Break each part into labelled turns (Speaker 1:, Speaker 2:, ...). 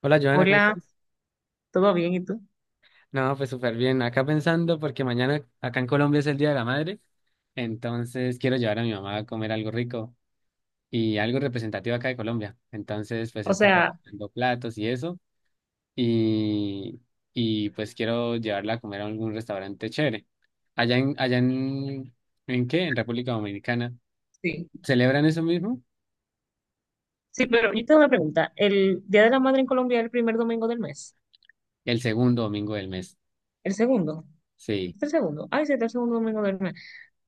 Speaker 1: Hola Joana, ¿cómo
Speaker 2: Hola,
Speaker 1: estás?
Speaker 2: ¿todo bien? ¿Y tú?
Speaker 1: No, pues súper bien. Acá pensando porque mañana acá en Colombia es el Día de la Madre, entonces quiero llevar a mi mamá a comer algo rico y algo representativo acá de Colombia. Entonces, pues he
Speaker 2: O
Speaker 1: estado
Speaker 2: sea,
Speaker 1: haciendo platos y eso y, y pues quiero llevarla a comer a algún restaurante chévere. Allá en, ¿en qué? En República Dominicana.
Speaker 2: sí.
Speaker 1: ¿Celebran eso mismo?
Speaker 2: Sí, pero yo tengo una pregunta. ¿El Día de la Madre en Colombia es el primer domingo del mes?
Speaker 1: El segundo domingo del mes.
Speaker 2: ¿El segundo?
Speaker 1: Sí.
Speaker 2: ¿Es el segundo? Ay, sí, es el segundo domingo del mes.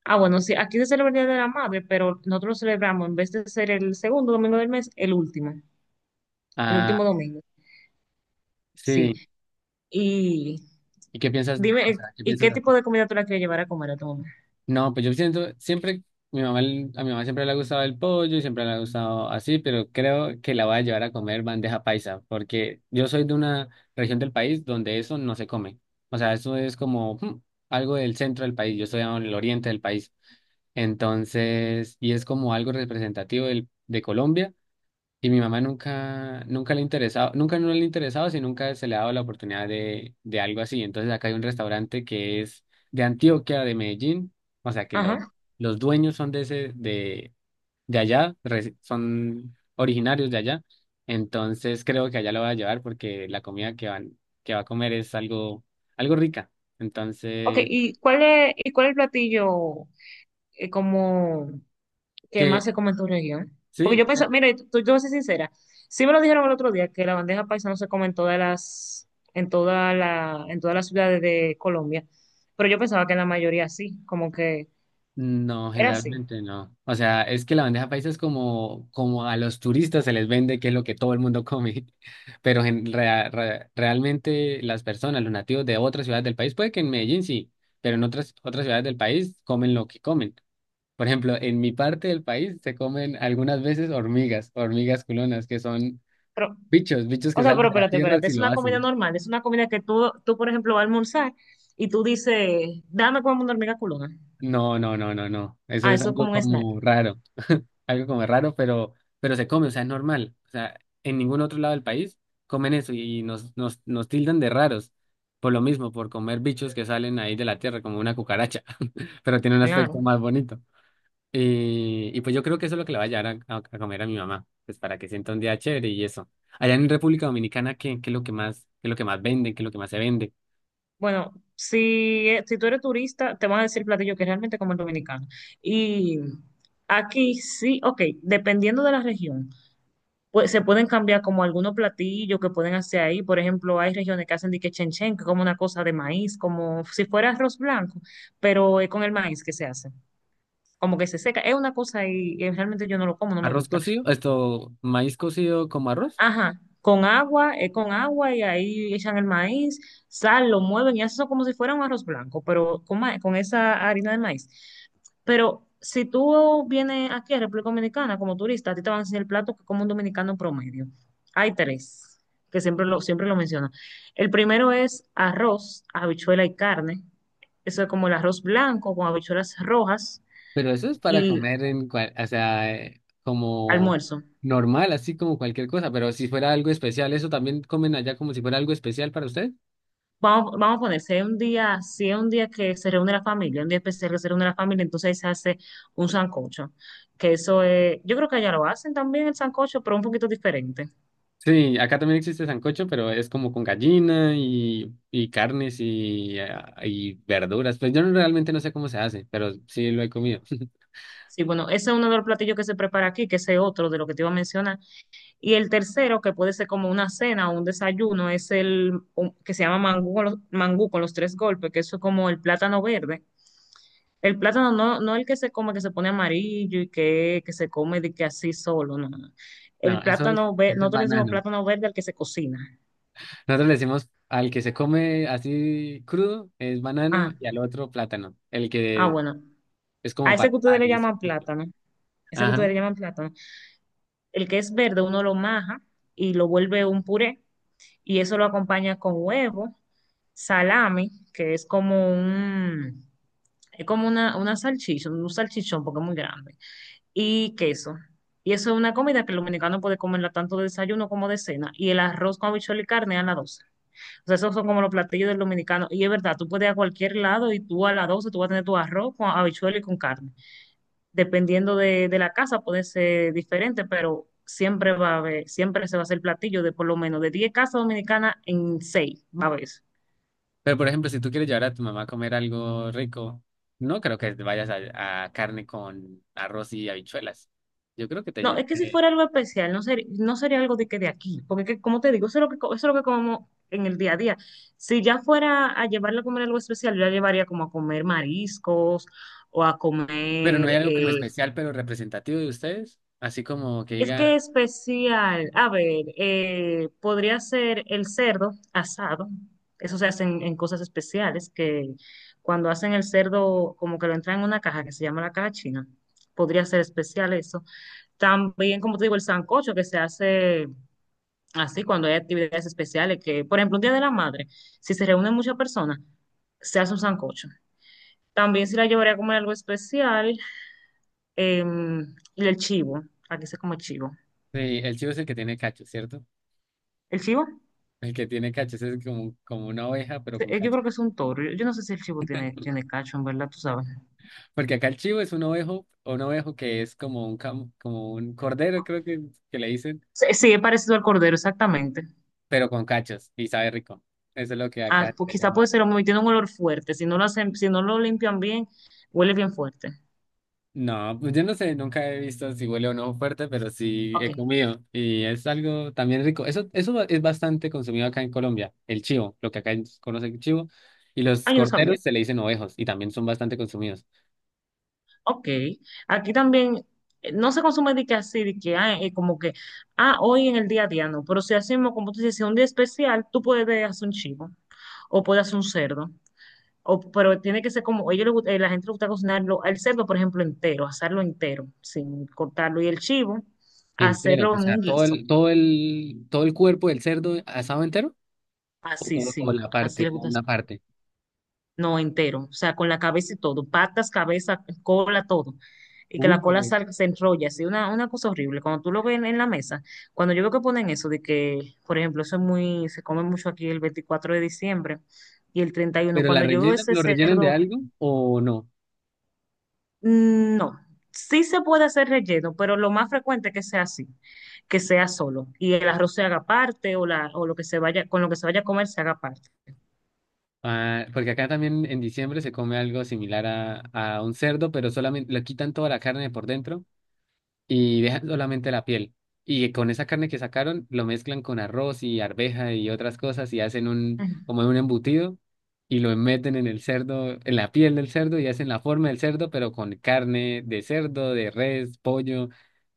Speaker 2: Ah, bueno, sí, aquí se celebra el Día de la Madre, pero nosotros lo celebramos, en vez de ser el segundo domingo del mes, el
Speaker 1: Ah,
Speaker 2: último domingo. Sí.
Speaker 1: sí.
Speaker 2: Y
Speaker 1: ¿Y qué piensas? O
Speaker 2: dime,
Speaker 1: sea, ¿qué
Speaker 2: ¿y
Speaker 1: piensas
Speaker 2: qué tipo
Speaker 1: hacer?
Speaker 2: de comida tú la quieres llevar a comer a tu mamá?
Speaker 1: No, pues yo siento, siempre, mi mamá, a mi mamá siempre le ha gustado el pollo y siempre le ha gustado así, pero creo que la voy a llevar a comer bandeja paisa, porque yo soy de una región del país donde eso no se come. O sea, eso es como algo del centro del país, yo estoy en el oriente del país. Entonces, y es como algo representativo de Colombia. Y mi mamá nunca le interesaba, nunca no le interesaba, si nunca se le ha dado la oportunidad de algo así. Entonces acá hay un restaurante que es de Antioquia, de Medellín, o sea que
Speaker 2: Ajá.
Speaker 1: los dueños son de ese, de allá, son originarios de allá. Entonces creo que allá lo va a llevar porque la comida que van, que va a comer es algo, algo rica.
Speaker 2: Ok,
Speaker 1: Entonces,
Speaker 2: ¿y cuál es el platillo como que
Speaker 1: que
Speaker 2: más se come en tu región? Porque
Speaker 1: sí.
Speaker 2: yo pensaba, mira, yo voy a ser sincera, sí me lo dijeron el otro día que la bandeja paisa no se come en todas las ciudades de Colombia, pero yo pensaba que en la mayoría sí, como que
Speaker 1: No,
Speaker 2: era así.
Speaker 1: generalmente no. O sea, es que la bandeja paisa es como, como a los turistas se les vende, que es lo que todo el mundo come. Pero en realmente las personas, los nativos de otras ciudades del país, puede que en Medellín sí, pero en otras, otras ciudades del país comen lo que comen. Por ejemplo, en mi parte del país se comen algunas veces hormigas, hormigas culonas, que son
Speaker 2: Pero,
Speaker 1: bichos, bichos
Speaker 2: o
Speaker 1: que
Speaker 2: sea,
Speaker 1: salen
Speaker 2: pero
Speaker 1: de la
Speaker 2: espérate,
Speaker 1: tierra
Speaker 2: espérate,
Speaker 1: si
Speaker 2: es
Speaker 1: lo
Speaker 2: una comida
Speaker 1: hacen.
Speaker 2: normal, es una comida que tú por ejemplo, vas a almorzar y tú dices, dame como una hormiga culona.
Speaker 1: No, no, no, no, no. Eso
Speaker 2: Ah,
Speaker 1: es
Speaker 2: eso es
Speaker 1: algo
Speaker 2: como un snack.
Speaker 1: como raro. Algo como raro, pero se come, o sea, es normal. O sea, en ningún otro lado del país comen eso y nos tildan de raros. Por lo mismo, por comer bichos que salen ahí de la tierra, como una cucaracha, pero tiene un aspecto
Speaker 2: Claro.
Speaker 1: más bonito. Y pues yo creo que eso es lo que le voy a llevar a, a comer a mi mamá, pues para que sienta un día chévere y eso. Allá en República Dominicana, ¿qué, qué es lo que más, qué es lo que más venden, qué es lo que más se vende?
Speaker 2: Bueno, si, si tú eres turista, te van a decir platillo que es realmente como el dominicano. Y aquí sí, ok, dependiendo de la región, pues se pueden cambiar como algunos platillos que pueden hacer ahí. Por ejemplo, hay regiones que hacen dique chen chen, que es como una cosa de maíz, como si fuera arroz blanco, pero es con el maíz que se hace. Como que se seca. Es una cosa y realmente yo no lo como, no me
Speaker 1: ¿Arroz
Speaker 2: gusta.
Speaker 1: cocido? ¿Esto, maíz cocido como arroz?
Speaker 2: Ajá, con agua, es con agua y ahí echan el maíz, sal, lo mueven y hacen eso como si fuera un arroz blanco, pero con, ma- con esa harina de maíz. Pero si tú vienes aquí a República Dominicana como turista, a ti te van a enseñar el plato que como un dominicano promedio. Hay tres, que siempre lo menciono. El primero es arroz, habichuela y carne. Eso es como el arroz blanco con habichuelas rojas
Speaker 1: Pero eso es para
Speaker 2: y
Speaker 1: comer en cual, o sea, como
Speaker 2: almuerzo.
Speaker 1: normal, así como cualquier cosa. Pero si fuera algo especial, ¿eso también comen allá como si fuera algo especial para ustedes?
Speaker 2: Vamos, vamos a poner, si hay un día que se reúne la familia, un día especial que se reúne la familia, entonces ahí se hace un sancocho. Que eso es, yo creo que allá lo hacen también el sancocho, pero un poquito diferente.
Speaker 1: Sí, acá también existe sancocho, pero es como con gallina y carnes y, ah, y verduras. Pues yo realmente no sé cómo se hace, pero sí lo he
Speaker 2: Sí,
Speaker 1: comido.
Speaker 2: Sí, bueno, ese es uno de los platillos que se prepara aquí, que ese es otro de lo que te iba a mencionar. Y el tercero, que puede ser como una cena o un desayuno, es el un- que se llama mangú con los tres golpes, que eso es como el plátano verde. El plátano no, no el que se come, que se pone amarillo y que se come de que así solo, no, no. no.
Speaker 1: No,
Speaker 2: El
Speaker 1: eso,
Speaker 2: plátano verde,
Speaker 1: eso es
Speaker 2: nosotros le decimos
Speaker 1: banano.
Speaker 2: plátano verde al que se cocina.
Speaker 1: Nosotros le decimos al que se come así crudo es banano
Speaker 2: Ah,
Speaker 1: y al otro plátano, el
Speaker 2: ah,
Speaker 1: que
Speaker 2: bueno.
Speaker 1: es como
Speaker 2: A ese
Speaker 1: para
Speaker 2: que ustedes le
Speaker 1: y es.
Speaker 2: llaman plátano, ese que ustedes le llaman plátano, el que es verde uno lo maja y lo vuelve un puré y eso lo acompaña con huevo, salami, que es como es como una salchicha, un salchichón porque es muy grande y queso. Y eso es una comida que el dominicano puede comerla tanto de desayuno como de cena. Y el arroz con habichuela y carne a las 12:00. O sea, esos son como los platillos del dominicano. Y es verdad, tú puedes ir a cualquier lado y tú a las 12:00 tú vas a tener tu arroz con habichuela y con carne. Dependiendo de la casa puede ser diferente, pero siempre va a haber, siempre se va a hacer platillo de por lo menos de 10 casas dominicanas en 6 va a haber.
Speaker 1: Pero, por ejemplo, si tú quieres llevar a tu mamá a comer algo rico, no creo que te vayas a carne con arroz y habichuelas. Yo creo que te...
Speaker 2: No,
Speaker 1: lle-
Speaker 2: es que
Speaker 1: Sí.
Speaker 2: si fuera algo especial, no sería algo de que de aquí, porque que, como te digo, eso es lo que, co- eso es lo que comemos en el día a día. Si ya fuera a llevarla a comer algo especial, yo la llevaría como a comer mariscos o a
Speaker 1: Pero no
Speaker 2: comer,
Speaker 1: hay algo como especial, pero representativo de ustedes. Así como que
Speaker 2: es que
Speaker 1: diga,
Speaker 2: especial, a ver, podría ser el cerdo asado, eso se hace en cosas especiales, que cuando hacen el cerdo como que lo entran en una caja que se llama la caja china, podría ser especial eso. También, como te digo, el sancocho que se hace. Así, cuando hay actividades especiales, que, por ejemplo, un Día de la Madre, si se reúnen muchas personas, se hace un sancocho. También si la llevaría a comer algo especial, eh, y el chivo, aquí se come chivo.
Speaker 1: sí, el chivo es el que tiene cachos, ¿cierto?
Speaker 2: ¿El chivo?
Speaker 1: El que tiene cachos es como, como una oveja, pero con
Speaker 2: Yo creo
Speaker 1: cachos.
Speaker 2: que es un toro. Yo no sé si el chivo tiene cacho, en verdad, tú sabes.
Speaker 1: Porque acá el chivo es un ovejo que es como un, como un cordero, creo que le dicen,
Speaker 2: Sí, sí, es parecido al cordero, exactamente.
Speaker 1: pero con cachos y sabe rico. Eso es lo que
Speaker 2: Ah,
Speaker 1: acá
Speaker 2: pues
Speaker 1: se
Speaker 2: quizá
Speaker 1: llama.
Speaker 2: puede ser muy, tiene un olor fuerte. Si no lo hacen, si no lo limpian bien, huele bien fuerte.
Speaker 1: No, pues yo no sé, nunca he visto si huele o no fuerte, pero sí he
Speaker 2: Ok.
Speaker 1: comido y es algo también rico. Eso es bastante consumido acá en Colombia, el chivo, lo que acá conocen chivo, y los
Speaker 2: Ah, yo no sabía.
Speaker 1: corderos se le dicen ovejos y también son bastante consumidos.
Speaker 2: Ok, aquí también no se consume de que así, de que como que, hoy en el día a día no, pero si hacemos, como tú dices, si es un día especial, tú puedes hacer un chivo, o puedes hacer un cerdo, o, pero tiene que ser como, a ellos les gusta- la gente le gusta cocinarlo, el cerdo, por ejemplo, entero, asarlo entero, sin cortarlo, y el chivo,
Speaker 1: Entero,
Speaker 2: hacerlo
Speaker 1: o
Speaker 2: en
Speaker 1: sea,
Speaker 2: un guiso,
Speaker 1: todo el cuerpo del cerdo asado entero o
Speaker 2: así,
Speaker 1: solo como
Speaker 2: sí,
Speaker 1: la
Speaker 2: así
Speaker 1: parte,
Speaker 2: le
Speaker 1: o
Speaker 2: gusta.
Speaker 1: una parte.
Speaker 2: No, entero, o sea, con la cabeza y todo, patas, cabeza, cola, todo. Y que
Speaker 1: Uy,
Speaker 2: la cola salga, se enrolla, así, una cosa horrible. Cuando tú lo ves en la mesa, cuando yo veo que ponen eso, de que, por ejemplo, eso es muy, se come mucho aquí el 24 de diciembre y el 31.
Speaker 1: pero la
Speaker 2: Cuando yo veo
Speaker 1: rellenan,
Speaker 2: ese
Speaker 1: lo rellenan de
Speaker 2: cerdo,
Speaker 1: algo o no.
Speaker 2: no, sí se puede hacer relleno, pero lo más frecuente es que sea así, que sea solo. Y el arroz se haga parte o, la, o lo que se vaya, con lo que se vaya a comer se haga parte.
Speaker 1: Ah, porque acá también en diciembre se come algo similar a un cerdo, pero solamente le quitan toda la carne por dentro y dejan solamente la piel. Y con esa carne que sacaron, lo mezclan con arroz y arveja y otras cosas y hacen un, como un embutido y lo meten en el cerdo, en la piel del cerdo y hacen la forma del cerdo, pero con carne de cerdo, de res, pollo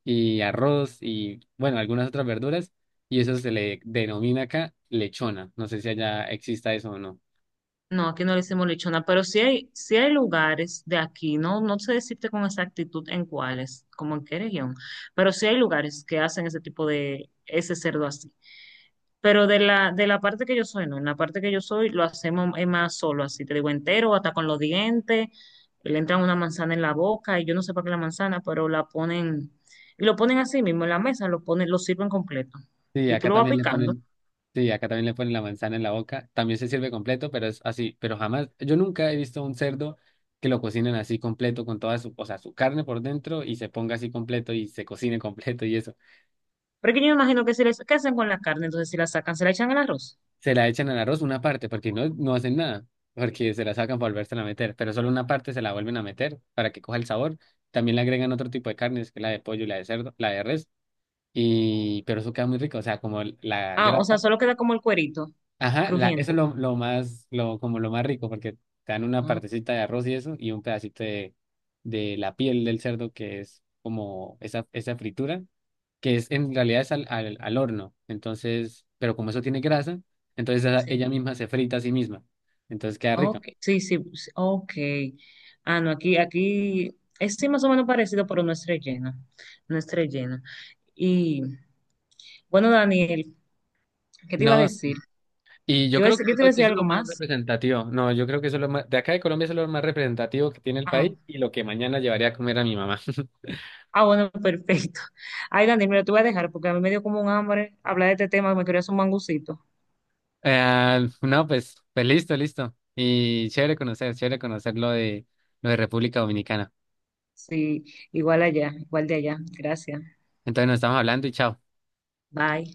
Speaker 1: y arroz y, bueno, algunas otras verduras. Y eso se le denomina acá lechona. No sé si allá exista eso o no.
Speaker 2: No, aquí no le hicimos lechona, pero sí hay lugares de aquí, no, no sé decirte con exactitud en cuáles, como en qué región, pero sí hay lugares que hacen ese tipo de, ese cerdo así. Pero de la parte que yo soy, no, en la parte que yo soy lo hacemos es más solo, así te digo entero, hasta con los dientes, le entran una manzana en la boca y yo no sé para qué la manzana, pero la ponen, y lo ponen así mismo en la mesa, lo ponen, lo sirven completo
Speaker 1: Sí,
Speaker 2: y tú
Speaker 1: acá
Speaker 2: lo vas
Speaker 1: también le
Speaker 2: picando.
Speaker 1: ponen, sí, acá también le ponen la manzana en la boca. También se sirve completo, pero es así. Pero jamás, yo nunca he visto un cerdo que lo cocinen así completo con toda su, o sea, su carne por dentro y se ponga así completo y se cocine completo y eso.
Speaker 2: Pero es que yo me imagino que si les, ¿qué hacen con la carne? Entonces si la sacan, se la echan al arroz.
Speaker 1: Se la echan al arroz una parte porque no, no hacen nada, porque se la sacan para volvérsela a meter, pero solo una parte se la vuelven a meter para que coja el sabor. También le agregan otro tipo de carnes, que es la de pollo, y la de cerdo, la de res, y pero eso queda muy rico, o sea, como la
Speaker 2: Ah, o sea,
Speaker 1: grasa.
Speaker 2: solo queda como el cuerito
Speaker 1: Ajá, la, eso es
Speaker 2: crujiente.
Speaker 1: lo más, lo, como lo más rico, porque te dan una
Speaker 2: Ah,
Speaker 1: partecita de arroz y eso, y un pedacito de la piel del cerdo, que es como esa fritura, que es en realidad es al, al horno. Entonces, pero como eso tiene grasa, entonces
Speaker 2: sí.
Speaker 1: ella misma se frita a sí misma. Entonces queda rica.
Speaker 2: Ok, sí, sí, sí, ok. Ah, no, aquí es sí, más o menos parecido, pero no es relleno. No es relleno. Y bueno, Daniel, ¿qué te iba a
Speaker 1: No,
Speaker 2: decir?
Speaker 1: sí. Y yo
Speaker 2: ¿Te iba a
Speaker 1: creo
Speaker 2: decir,
Speaker 1: que
Speaker 2: yo te
Speaker 1: eso,
Speaker 2: iba a
Speaker 1: eso
Speaker 2: decir
Speaker 1: es
Speaker 2: algo
Speaker 1: lo más
Speaker 2: más?
Speaker 1: representativo. No, yo creo que eso es lo más, de acá de Colombia, eso es lo más representativo que tiene el
Speaker 2: Ah,
Speaker 1: país y lo que mañana llevaría a comer a mi mamá.
Speaker 2: ah, bueno, perfecto. Ay, Daniel, mira, te voy a dejar porque a mí me dio como un hambre hablar de este tema, me quería hacer un mangucito.
Speaker 1: No, pues, pues listo, listo. Y chévere conocer lo de República Dominicana.
Speaker 2: Sí, igual allá, igual de allá. Gracias.
Speaker 1: Entonces nos estamos hablando y chao.
Speaker 2: Bye.